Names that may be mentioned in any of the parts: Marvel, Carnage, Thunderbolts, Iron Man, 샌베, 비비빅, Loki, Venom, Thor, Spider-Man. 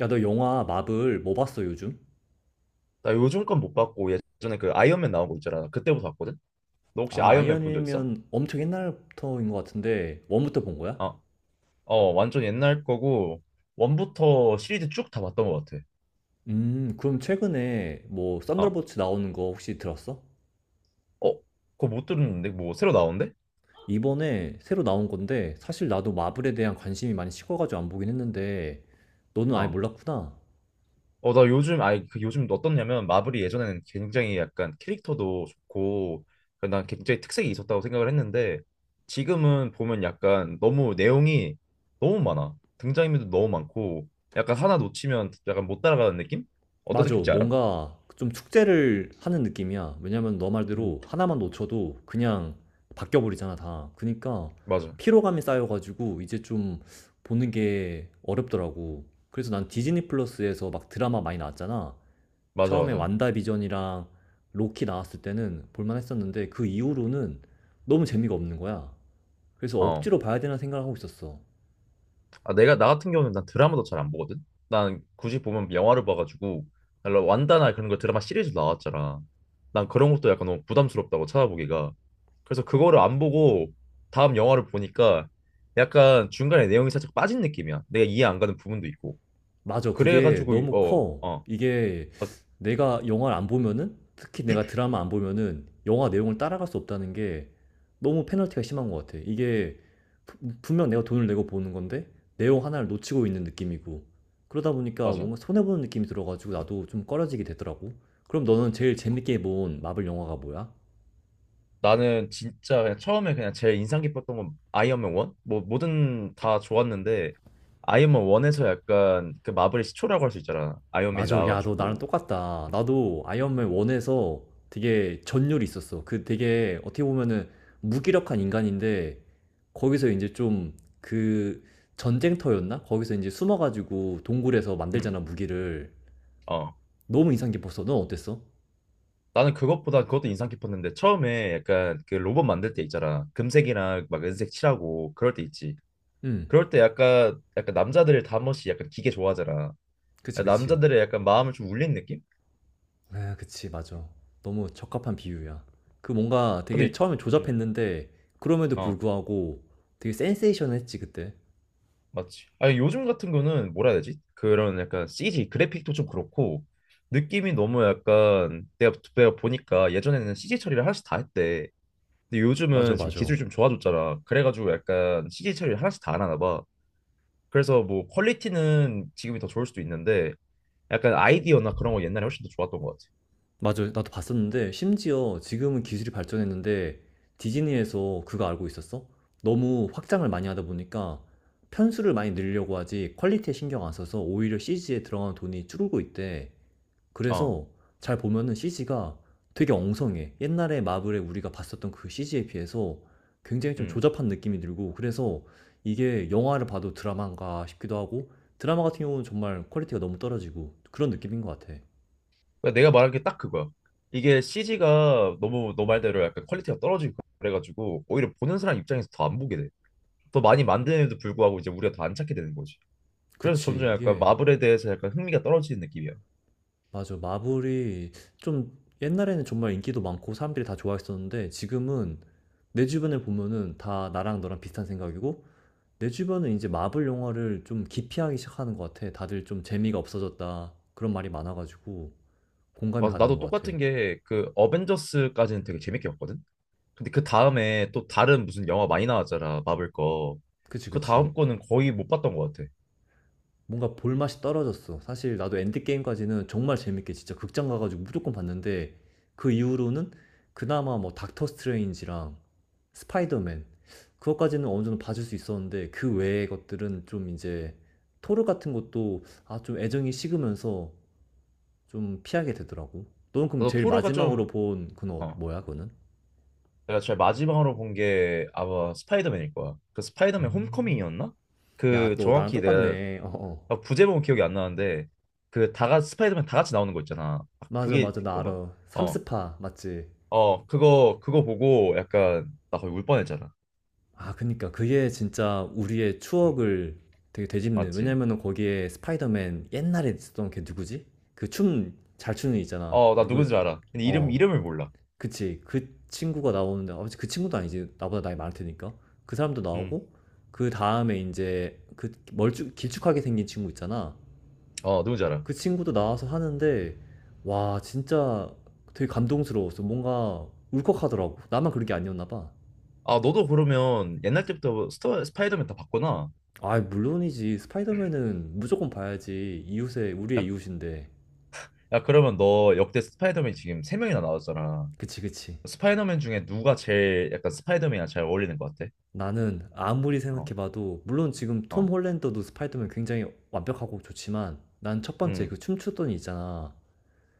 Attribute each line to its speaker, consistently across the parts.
Speaker 1: 야, 너 영화 마블 뭐 봤어, 요즘?
Speaker 2: 나 요즘 건 못 봤고 예전에 그 아이언맨 나온 거 있잖아. 그때부터 봤거든. 너 혹시
Speaker 1: 아,
Speaker 2: 아이언맨 본 적 있어?
Speaker 1: 아이언맨이면 엄청 옛날부터인 것 같은데, 원부터 본 거야?
Speaker 2: 어, 어 완전 옛날 거고 원부터 시리즈 쭉 다 봤던 것 같아.
Speaker 1: 그럼 최근에 뭐,
Speaker 2: 어,
Speaker 1: 썬더볼츠 나오는 거 혹시 들었어?
Speaker 2: 어, 그거 못 들었는데 뭐 새로 나온대?
Speaker 1: 이번에 새로 나온 건데, 사실 나도 마블에 대한 관심이 많이 식어가지고 안 보긴 했는데, 너는 아예
Speaker 2: 어,
Speaker 1: 몰랐구나.
Speaker 2: 어 나 요즘 아니 그 요즘 어떻냐면 마블이 예전에는 굉장히 약간 캐릭터도 좋고 그난 굉장히 특색이 있었다고 생각을 했는데 지금은 보면 약간 너무 내용이 너무 많아. 등장인물도 너무 많고 약간 하나 놓치면 약간 못 따라가는 느낌? 어떤
Speaker 1: 맞아.
Speaker 2: 느낌인지 알아?
Speaker 1: 뭔가 좀 축제를 하는 느낌이야. 왜냐면 너 말대로 하나만 놓쳐도 그냥 바뀌어 버리잖아, 다. 그니까
Speaker 2: 맞아.
Speaker 1: 피로감이 쌓여가지고 이제 좀 보는 게 어렵더라고. 그래서 난 디즈니 플러스에서 막 드라마 많이 나왔잖아.
Speaker 2: 맞아,
Speaker 1: 처음에
Speaker 2: 맞아.
Speaker 1: 완다비전이랑 로키 나왔을 때는 볼만 했었는데 그 이후로는 너무 재미가 없는 거야. 그래서
Speaker 2: 어.
Speaker 1: 억지로 봐야 되나 생각을 하고 있었어.
Speaker 2: 아, 나 같은 경우는 난 드라마도 잘 안 보거든? 난 굳이 보면 영화를 봐가지고, 원 완다나 그런 거 드라마 시리즈 나왔잖아. 난 그런 것도 약간 너무 부담스럽다고 찾아보기가. 그래서 그거를 안 보고 다음 영화를 보니까 약간 중간에 내용이 살짝 빠진 느낌이야. 내가 이해 안 가는 부분도 있고.
Speaker 1: 맞아. 그게
Speaker 2: 그래가지고,
Speaker 1: 너무
Speaker 2: 어,
Speaker 1: 커.
Speaker 2: 어.
Speaker 1: 이게
Speaker 2: 아,
Speaker 1: 내가 영화를 안 보면은, 특히 내가 드라마 안 보면은 영화 내용을 따라갈 수 없다는 게 너무 페널티가 심한 것 같아. 이게 분명 내가 돈을 내고 보는 건데 내용 하나를 놓치고 있는 느낌이고 그러다 보니까
Speaker 2: 맞아.
Speaker 1: 뭔가 손해보는 느낌이 들어가지고 나도 좀 꺼려지게 되더라고. 그럼 너는 제일 재밌게 본 마블 영화가 뭐야?
Speaker 2: 나는 진짜 그냥 처음에 그냥 제일 인상 깊었던 건 아이언맨 1? 뭐든 다 좋았는데 아이언맨 1에서 약간 그 마블의 시초라고 할 수 있잖아. 아이언맨이
Speaker 1: 맞아. 야, 너 나랑
Speaker 2: 나와가지고.
Speaker 1: 똑같다. 나도
Speaker 2: 응.
Speaker 1: 아이언맨 1에서 되게 전율이 있었어. 그 되게 어떻게 보면은 무기력한 인간인데 거기서 이제 좀 그 전쟁터였나? 거기서 이제 숨어가지고 동굴에서
Speaker 2: 응.
Speaker 1: 만들잖아, 무기를.
Speaker 2: 어.
Speaker 1: 너무 인상 깊었어. 넌 어땠어?
Speaker 2: 나는 그것보다 그것도 인상 깊었는데 처음에 약간 그 로봇 만들 때 있잖아. 금색이랑 막 은색 칠하고 그럴 때 있지.
Speaker 1: 응.
Speaker 2: 그럴 때 약간 남자들을 다 한번씩 약간 기계 좋아하잖아.
Speaker 1: 그치, 그치.
Speaker 2: 남자들의 약간 마음을 좀 울린 느낌?
Speaker 1: 아, 그치, 맞아. 너무 적합한 비유야. 그 뭔가
Speaker 2: 근데
Speaker 1: 되게
Speaker 2: 이-
Speaker 1: 처음에
Speaker 2: 음.
Speaker 1: 조잡했는데 그럼에도
Speaker 2: 어.
Speaker 1: 불구하고 되게 센세이션했지, 그때.
Speaker 2: 맞지. 아니 요즘 같은 거는 뭐라 해야 되지? 그런 약간 CG 그래픽도 좀 그렇고 느낌이 너무 약간 내가 보니까 예전에는 CG 처리를 하나씩 다 했대. 근데
Speaker 1: 맞아,
Speaker 2: 요즘은 지금
Speaker 1: 맞아.
Speaker 2: 기술이 좀 좋아졌잖아. 그래가지고 약간 CG 처리를 하나씩 다 안 하나 봐. 그래서 뭐 퀄리티는 지금이 더 좋을 수도 있는데 약간 아이디어나 그런 거 옛날에 훨씬 더 좋았던 것
Speaker 1: 맞아요. 나도 봤었는데 심지어 지금은 기술이 발전했는데 디즈니에서 그거 알고 있었어? 너무 확장을 많이 하다 보니까 편수를 많이 늘려고 하지 퀄리티에 신경 안 써서 오히려 CG에 들어가는 돈이 줄고 있대.
Speaker 2: 같아. 어,
Speaker 1: 그래서 잘 보면은 CG가 되게 엉성해. 옛날에 마블에 우리가 봤었던 그 CG에 비해서 굉장히 좀
Speaker 2: 음.
Speaker 1: 조잡한 느낌이 들고 그래서 이게 영화를 봐도 드라마인가 싶기도 하고 드라마 같은 경우는 정말 퀄리티가 너무 떨어지고 그런 느낌인 것 같아.
Speaker 2: 그러니까 내가 말한 게 딱 그거야. 이게 CG가 너무 너 말대로 약간 퀄리티가 떨어지고 그래가지고 오히려 보는 사람 입장에서 더 안 보게 돼. 더 많이 만드는데도 불구하고 이제 우리가 더 안 찾게 되는 거지. 그래서
Speaker 1: 그치.
Speaker 2: 점점 약간
Speaker 1: 이게
Speaker 2: 마블에 대해서 약간 흥미가 떨어지는 느낌이야.
Speaker 1: 맞아. 마블이 좀 옛날에는 정말 인기도 많고 사람들이 다 좋아했었는데 지금은 내 주변을 보면은 다 나랑 너랑 비슷한 생각이고 내 주변은 이제 마블 영화를 좀 기피하기 시작하는 것 같아. 다들 좀 재미가 없어졌다. 그런 말이 많아가지고 공감이
Speaker 2: 맞아,
Speaker 1: 가는
Speaker 2: 나도
Speaker 1: 것 같아.
Speaker 2: 똑같은 게 그 어벤져스까지는 되게 재밌게 봤거든. 근데 그 다음에 또 다른 무슨 영화 많이 나왔잖아, 마블 거.
Speaker 1: 그치,
Speaker 2: 그
Speaker 1: 그치.
Speaker 2: 다음 거는 거의 못 봤던 것 같아.
Speaker 1: 뭔가 볼 맛이 떨어졌어. 사실 나도 엔드게임까지는 정말 재밌게 진짜 극장 가가지고 무조건 봤는데 그 이후로는 그나마 뭐 닥터 스트레인지랑 스파이더맨 그것까지는 어느 정도 봐줄 수 있었는데 그 외의 것들은 좀 이제 토르 같은 것도 아 좀 애정이 식으면서 좀 피하게 되더라고. 너는 그럼
Speaker 2: 나도
Speaker 1: 제일
Speaker 2: 토르가 좀,
Speaker 1: 마지막으로 본 그건
Speaker 2: 어,
Speaker 1: 뭐야 그거는?
Speaker 2: 내가 제일 마지막으로 본 게 아마 스파이더맨일 거야. 그 스파이더맨
Speaker 1: 음.
Speaker 2: 홈커밍이었나?
Speaker 1: 야,
Speaker 2: 그
Speaker 1: 너 나랑
Speaker 2: 정확히 내가
Speaker 1: 똑같네. 어, 어.
Speaker 2: 아, 부제목은 기억이 안 나는데 그 다 같이 스파이더맨 다 같이 나오는 거 있잖아. 아,
Speaker 1: 맞아,
Speaker 2: 그게
Speaker 1: 맞아, 나
Speaker 2: 그건가?
Speaker 1: 알아.
Speaker 2: 어,
Speaker 1: 삼스파, 맞지?
Speaker 2: 어, 그거, 그거 보고 약간, 나 거의 울 뻔했잖아.
Speaker 1: 아 그니까 그게 진짜 우리의
Speaker 2: 음.
Speaker 1: 추억을 되게 되짚는
Speaker 2: 맞지?
Speaker 1: 왜냐면은 거기에 스파이더맨 옛날에 있었던 걔 누구지? 그 춤 잘 추는 애 있잖아.
Speaker 2: 어, 나 누군지
Speaker 1: 누구지?
Speaker 2: 알아. 근데 이름,
Speaker 1: 어.
Speaker 2: 이름을 몰라.
Speaker 1: 그치. 그 친구가 나오는데 아, 그 친구도 아니지. 나보다 나이 많을 테니까. 그 사람도
Speaker 2: 음.
Speaker 1: 나오고 그 다음에 이제 그 멀쭉 길쭉하게 생긴 친구 있잖아.
Speaker 2: 어, 누군지 알아.
Speaker 1: 그 친구도 나와서 하는데 와 진짜 되게 감동스러웠어. 뭔가 울컥하더라고. 나만 그런 게 아니었나 봐.
Speaker 2: 아, 너도 그러면 옛날 때부터 스파이더맨 다 봤구나.
Speaker 1: 아, 물론이지. 스파이더맨은 무조건 봐야지. 이웃의, 우리의
Speaker 2: 야,
Speaker 1: 이웃인데.
Speaker 2: 야, 그러면 너 역대 스파이더맨 지금 세 명이나 나왔잖아.
Speaker 1: 그치, 그치.
Speaker 2: 스파이더맨 중에 누가 제일 약간 스파이더맨이랑 잘 어울리는 것 같아?
Speaker 1: 나는 아무리
Speaker 2: 어,
Speaker 1: 생각해봐도, 물론 지금 톰
Speaker 2: 어,
Speaker 1: 홀랜더도 스파이더맨 굉장히 완벽하고 좋지만, 난 첫 번째
Speaker 2: 음,
Speaker 1: 그 춤추던 이 있잖아.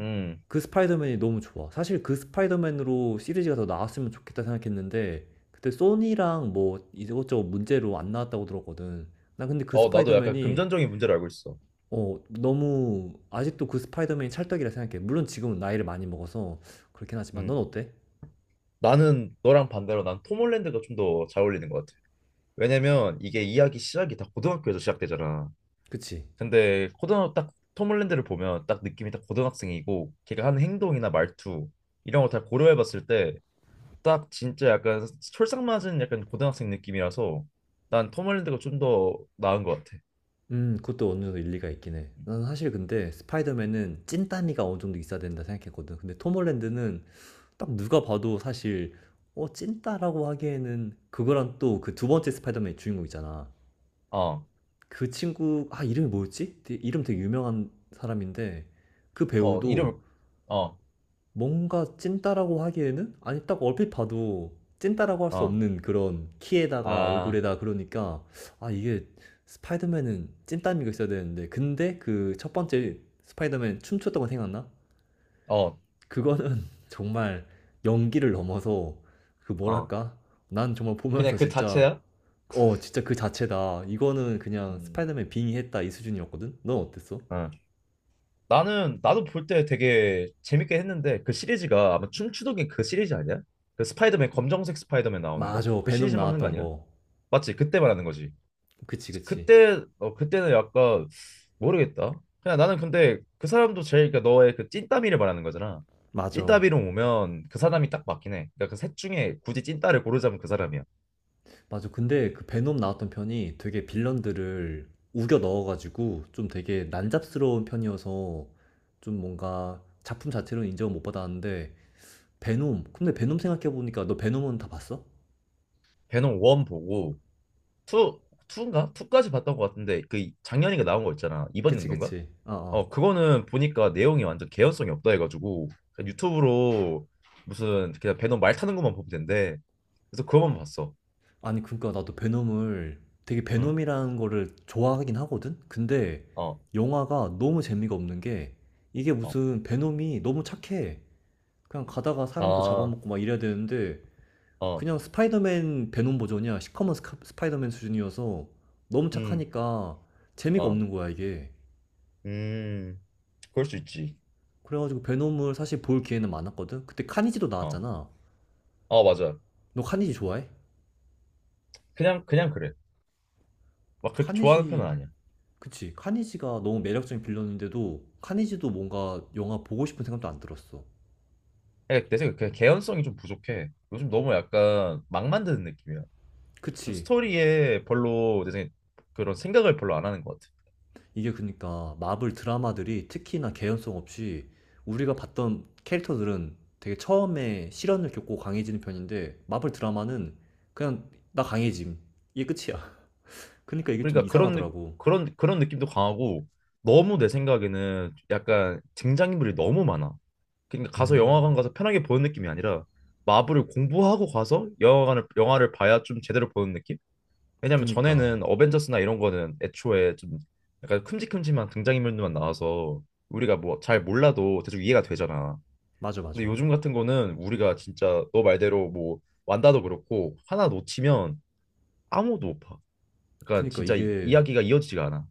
Speaker 2: 음.
Speaker 1: 그 스파이더맨이 너무 좋아. 사실 그 스파이더맨으로 시리즈가 더 나왔으면 좋겠다 생각했는데, 그때 소니랑 뭐 이것저것 문제로 안 나왔다고 들었거든. 나 근데 그
Speaker 2: 어, 나도 약간
Speaker 1: 스파이더맨이
Speaker 2: 금전적인 문제를 알고 있어.
Speaker 1: 어 너무 아직도 그 스파이더맨이 찰떡이라 생각해. 물론 지금은 나이를 많이 먹어서 그렇긴 하지만 넌
Speaker 2: 음.
Speaker 1: 어때?
Speaker 2: 나는 너랑 반대로 난 톰 홀랜드가 좀 더 잘 어울리는 것 같아. 왜냐면 이게 이야기 시작이 다 고등학교에서 시작되잖아.
Speaker 1: 그치?
Speaker 2: 근데 고등학교 딱 톰홀랜드를 보면 딱 느낌이 딱 고등학생이고 걔가 하는 행동이나 말투 이런 거 다 고려해봤을 때 딱 진짜 약간 솔상맞은 약간 고등학생 느낌이라서 난 톰홀랜드가 좀 더 나은 것 같아.
Speaker 1: 그것도 어느 정도 일리가 있긴 해. 나는 사실 근데 스파이더맨은 찐따미가 어느 정도 있어야 된다 생각했거든. 근데 톰 홀랜드는 딱 누가 봐도 사실 어 찐따라고 하기에는 그거랑 또 그 두 번째 스파이더맨 주인공 있잖아.
Speaker 2: 어,
Speaker 1: 그 친구 아 이름이 뭐였지? 이름 되게 유명한 사람인데 그
Speaker 2: 어
Speaker 1: 배우도
Speaker 2: 이름 어,
Speaker 1: 뭔가 찐따라고 하기에는 아니 딱 얼핏 봐도 찐따라고 할 수
Speaker 2: 어,
Speaker 1: 없는 그런 키에다가
Speaker 2: 아,
Speaker 1: 얼굴에다 그러니까 아 이게 스파이더맨은 찐따미가 있어야 되는데 근데 그 첫 번째 스파이더맨 춤췄던 거 생각나?
Speaker 2: 어,
Speaker 1: 그거는 정말 연기를 넘어서 그
Speaker 2: 어
Speaker 1: 뭐랄까? 난 정말
Speaker 2: 그냥
Speaker 1: 보면서
Speaker 2: 그
Speaker 1: 진짜
Speaker 2: 자체야?
Speaker 1: 어 진짜 그 자체다 이거는 그냥
Speaker 2: 음,
Speaker 1: 스파이더맨 빙의했다 이 수준이었거든? 넌 어땠어?
Speaker 2: 어. 나는 나도 볼 때 되게 재밌게 했는데 그 시리즈가 아마 춤추도긴 그 시리즈 아니야? 그 스파이더맨 검정색 스파이더맨 나오는 거?
Speaker 1: 맞아
Speaker 2: 그
Speaker 1: 베놈
Speaker 2: 시리즈 말하는 거
Speaker 1: 나왔던
Speaker 2: 아니야?
Speaker 1: 거
Speaker 2: 맞지? 그때 말하는 거지.
Speaker 1: 그치 그치
Speaker 2: 그때 어 그때는 약간 모르겠다. 그냥 나는 근데 그 사람도 제일 그러니까 너의 그 찐따비를 말하는 거잖아.
Speaker 1: 맞아,
Speaker 2: 찐따비로 오면 그 사람이 딱 맞긴 해. 그러니까 그 셋 중에 굳이 찐따를 고르자면 그 사람이야.
Speaker 1: 맞아. 근데 그 베놈 나왔던 편이 되게 빌런들을 우겨 넣어가지고 좀 되게 난잡스러운 편이어서 좀 뭔가 작품 자체로는 인정을 못 받았는데 베놈. 근데 베놈 생각해보니까 너 베놈은 다 봤어?
Speaker 2: 배는원 보고 투 투인가? 투까지 봤던 것 같은데 그 작년인가 나온 거 있잖아. 이번
Speaker 1: 그치,
Speaker 2: 연도인가?
Speaker 1: 그치. 어,
Speaker 2: 어,
Speaker 1: 어.
Speaker 2: 그거는 보니까 내용이 완전 개연성이 없다 해가지고 그냥 유튜브로 무슨 그냥 배너 말 타는 것만 보면 된대. 그래서 그거만 봤어.
Speaker 1: 아니, 그러니까 나도 베놈을 되게
Speaker 2: 응.
Speaker 1: 베놈이라는 거를 좋아하긴 하거든? 근데
Speaker 2: 어.
Speaker 1: 영화가 너무 재미가 없는 게 이게
Speaker 2: 어.
Speaker 1: 무슨 베놈이 너무 착해. 그냥 가다가 사람도
Speaker 2: 아.
Speaker 1: 잡아먹고 막 이래야 되는데
Speaker 2: 어.
Speaker 1: 그냥 스파이더맨 베놈 버전이야. 시커먼 스파이더맨 수준이어서 너무
Speaker 2: 음.
Speaker 1: 착하니까 재미가
Speaker 2: 어.
Speaker 1: 없는 거야, 이게.
Speaker 2: 음. 그럴 수 있지.
Speaker 1: 그래가지고 베놈을 사실 볼 기회는 많았거든? 그때 카니지도
Speaker 2: 어.
Speaker 1: 나왔잖아.
Speaker 2: 어, 맞아.
Speaker 1: 너 카니지 좋아해?
Speaker 2: 그냥 그냥 그래. 막 그렇게 좋아하는 편은
Speaker 1: 카니지,
Speaker 2: 아니야.
Speaker 1: 그치. 카니지가 너무 매력적인 빌런인데도 카니지도 뭔가 영화 보고 싶은 생각도 안 들었어.
Speaker 2: 그냥 내 생각에 그냥 개연성이 좀 부족해. 요즘 너무 약간 막 만드는 느낌이야. 좀
Speaker 1: 그치.
Speaker 2: 스토리에 별로 내 생각에 그런 생각을 별로 안 하는 것 같아.
Speaker 1: 이게 그러니까 마블 드라마들이 특히나 개연성 없이 우리가 봤던 캐릭터들은 되게 처음에 시련을 겪고 강해지는 편인데 마블 드라마는 그냥 나 강해짐 이게 끝이야. 그러니까 이게 좀
Speaker 2: 그러니까 그런 느-
Speaker 1: 이상하더라고.
Speaker 2: 그런 그런 느낌도 강하고 너무 내 생각에는 약간 등장인물이 너무 많아. 그러니까 가서
Speaker 1: 음.
Speaker 2: 영화관 가서 편하게 보는 느낌이 아니라 마블을 공부하고 가서 영화관을 영화를 봐야 좀 제대로 보는 느낌? 왜냐면
Speaker 1: 그니까
Speaker 2: 전에는 어벤져스나 이런 거는 애초에 좀 약간 큼직큼직한 등장인물들만 나와서 우리가 뭐 잘 몰라도 대충 이해가 되잖아.
Speaker 1: 맞아,
Speaker 2: 근데
Speaker 1: 맞아.
Speaker 2: 요즘 같은 거는 우리가 진짜 너 말대로 뭐 완다도 그렇고 하나 놓치면 아무도 못 봐. 그러니까
Speaker 1: 그니까
Speaker 2: 진짜 이,
Speaker 1: 이게
Speaker 2: 이야기가 이어지지가 않아.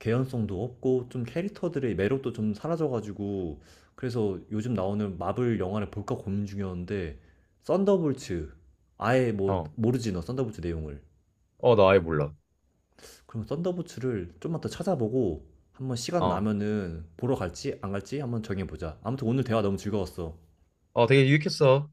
Speaker 1: 개연성도 없고 좀 캐릭터들의 매력도 좀 사라져가지고 그래서 요즘 나오는 마블 영화를 볼까 고민 중이었는데 썬더볼츠 아예 뭐
Speaker 2: 어.
Speaker 1: 모르지 너 썬더볼츠 내용을
Speaker 2: 어, 나 아예 몰라.
Speaker 1: 그럼 썬더부츠를 좀만 더 찾아보고 한번 시간
Speaker 2: 어,
Speaker 1: 나면은 보러 갈지 안 갈지 한번 정해보자. 아무튼 오늘 대화 너무 즐거웠어.
Speaker 2: 어, 되게 유익했어.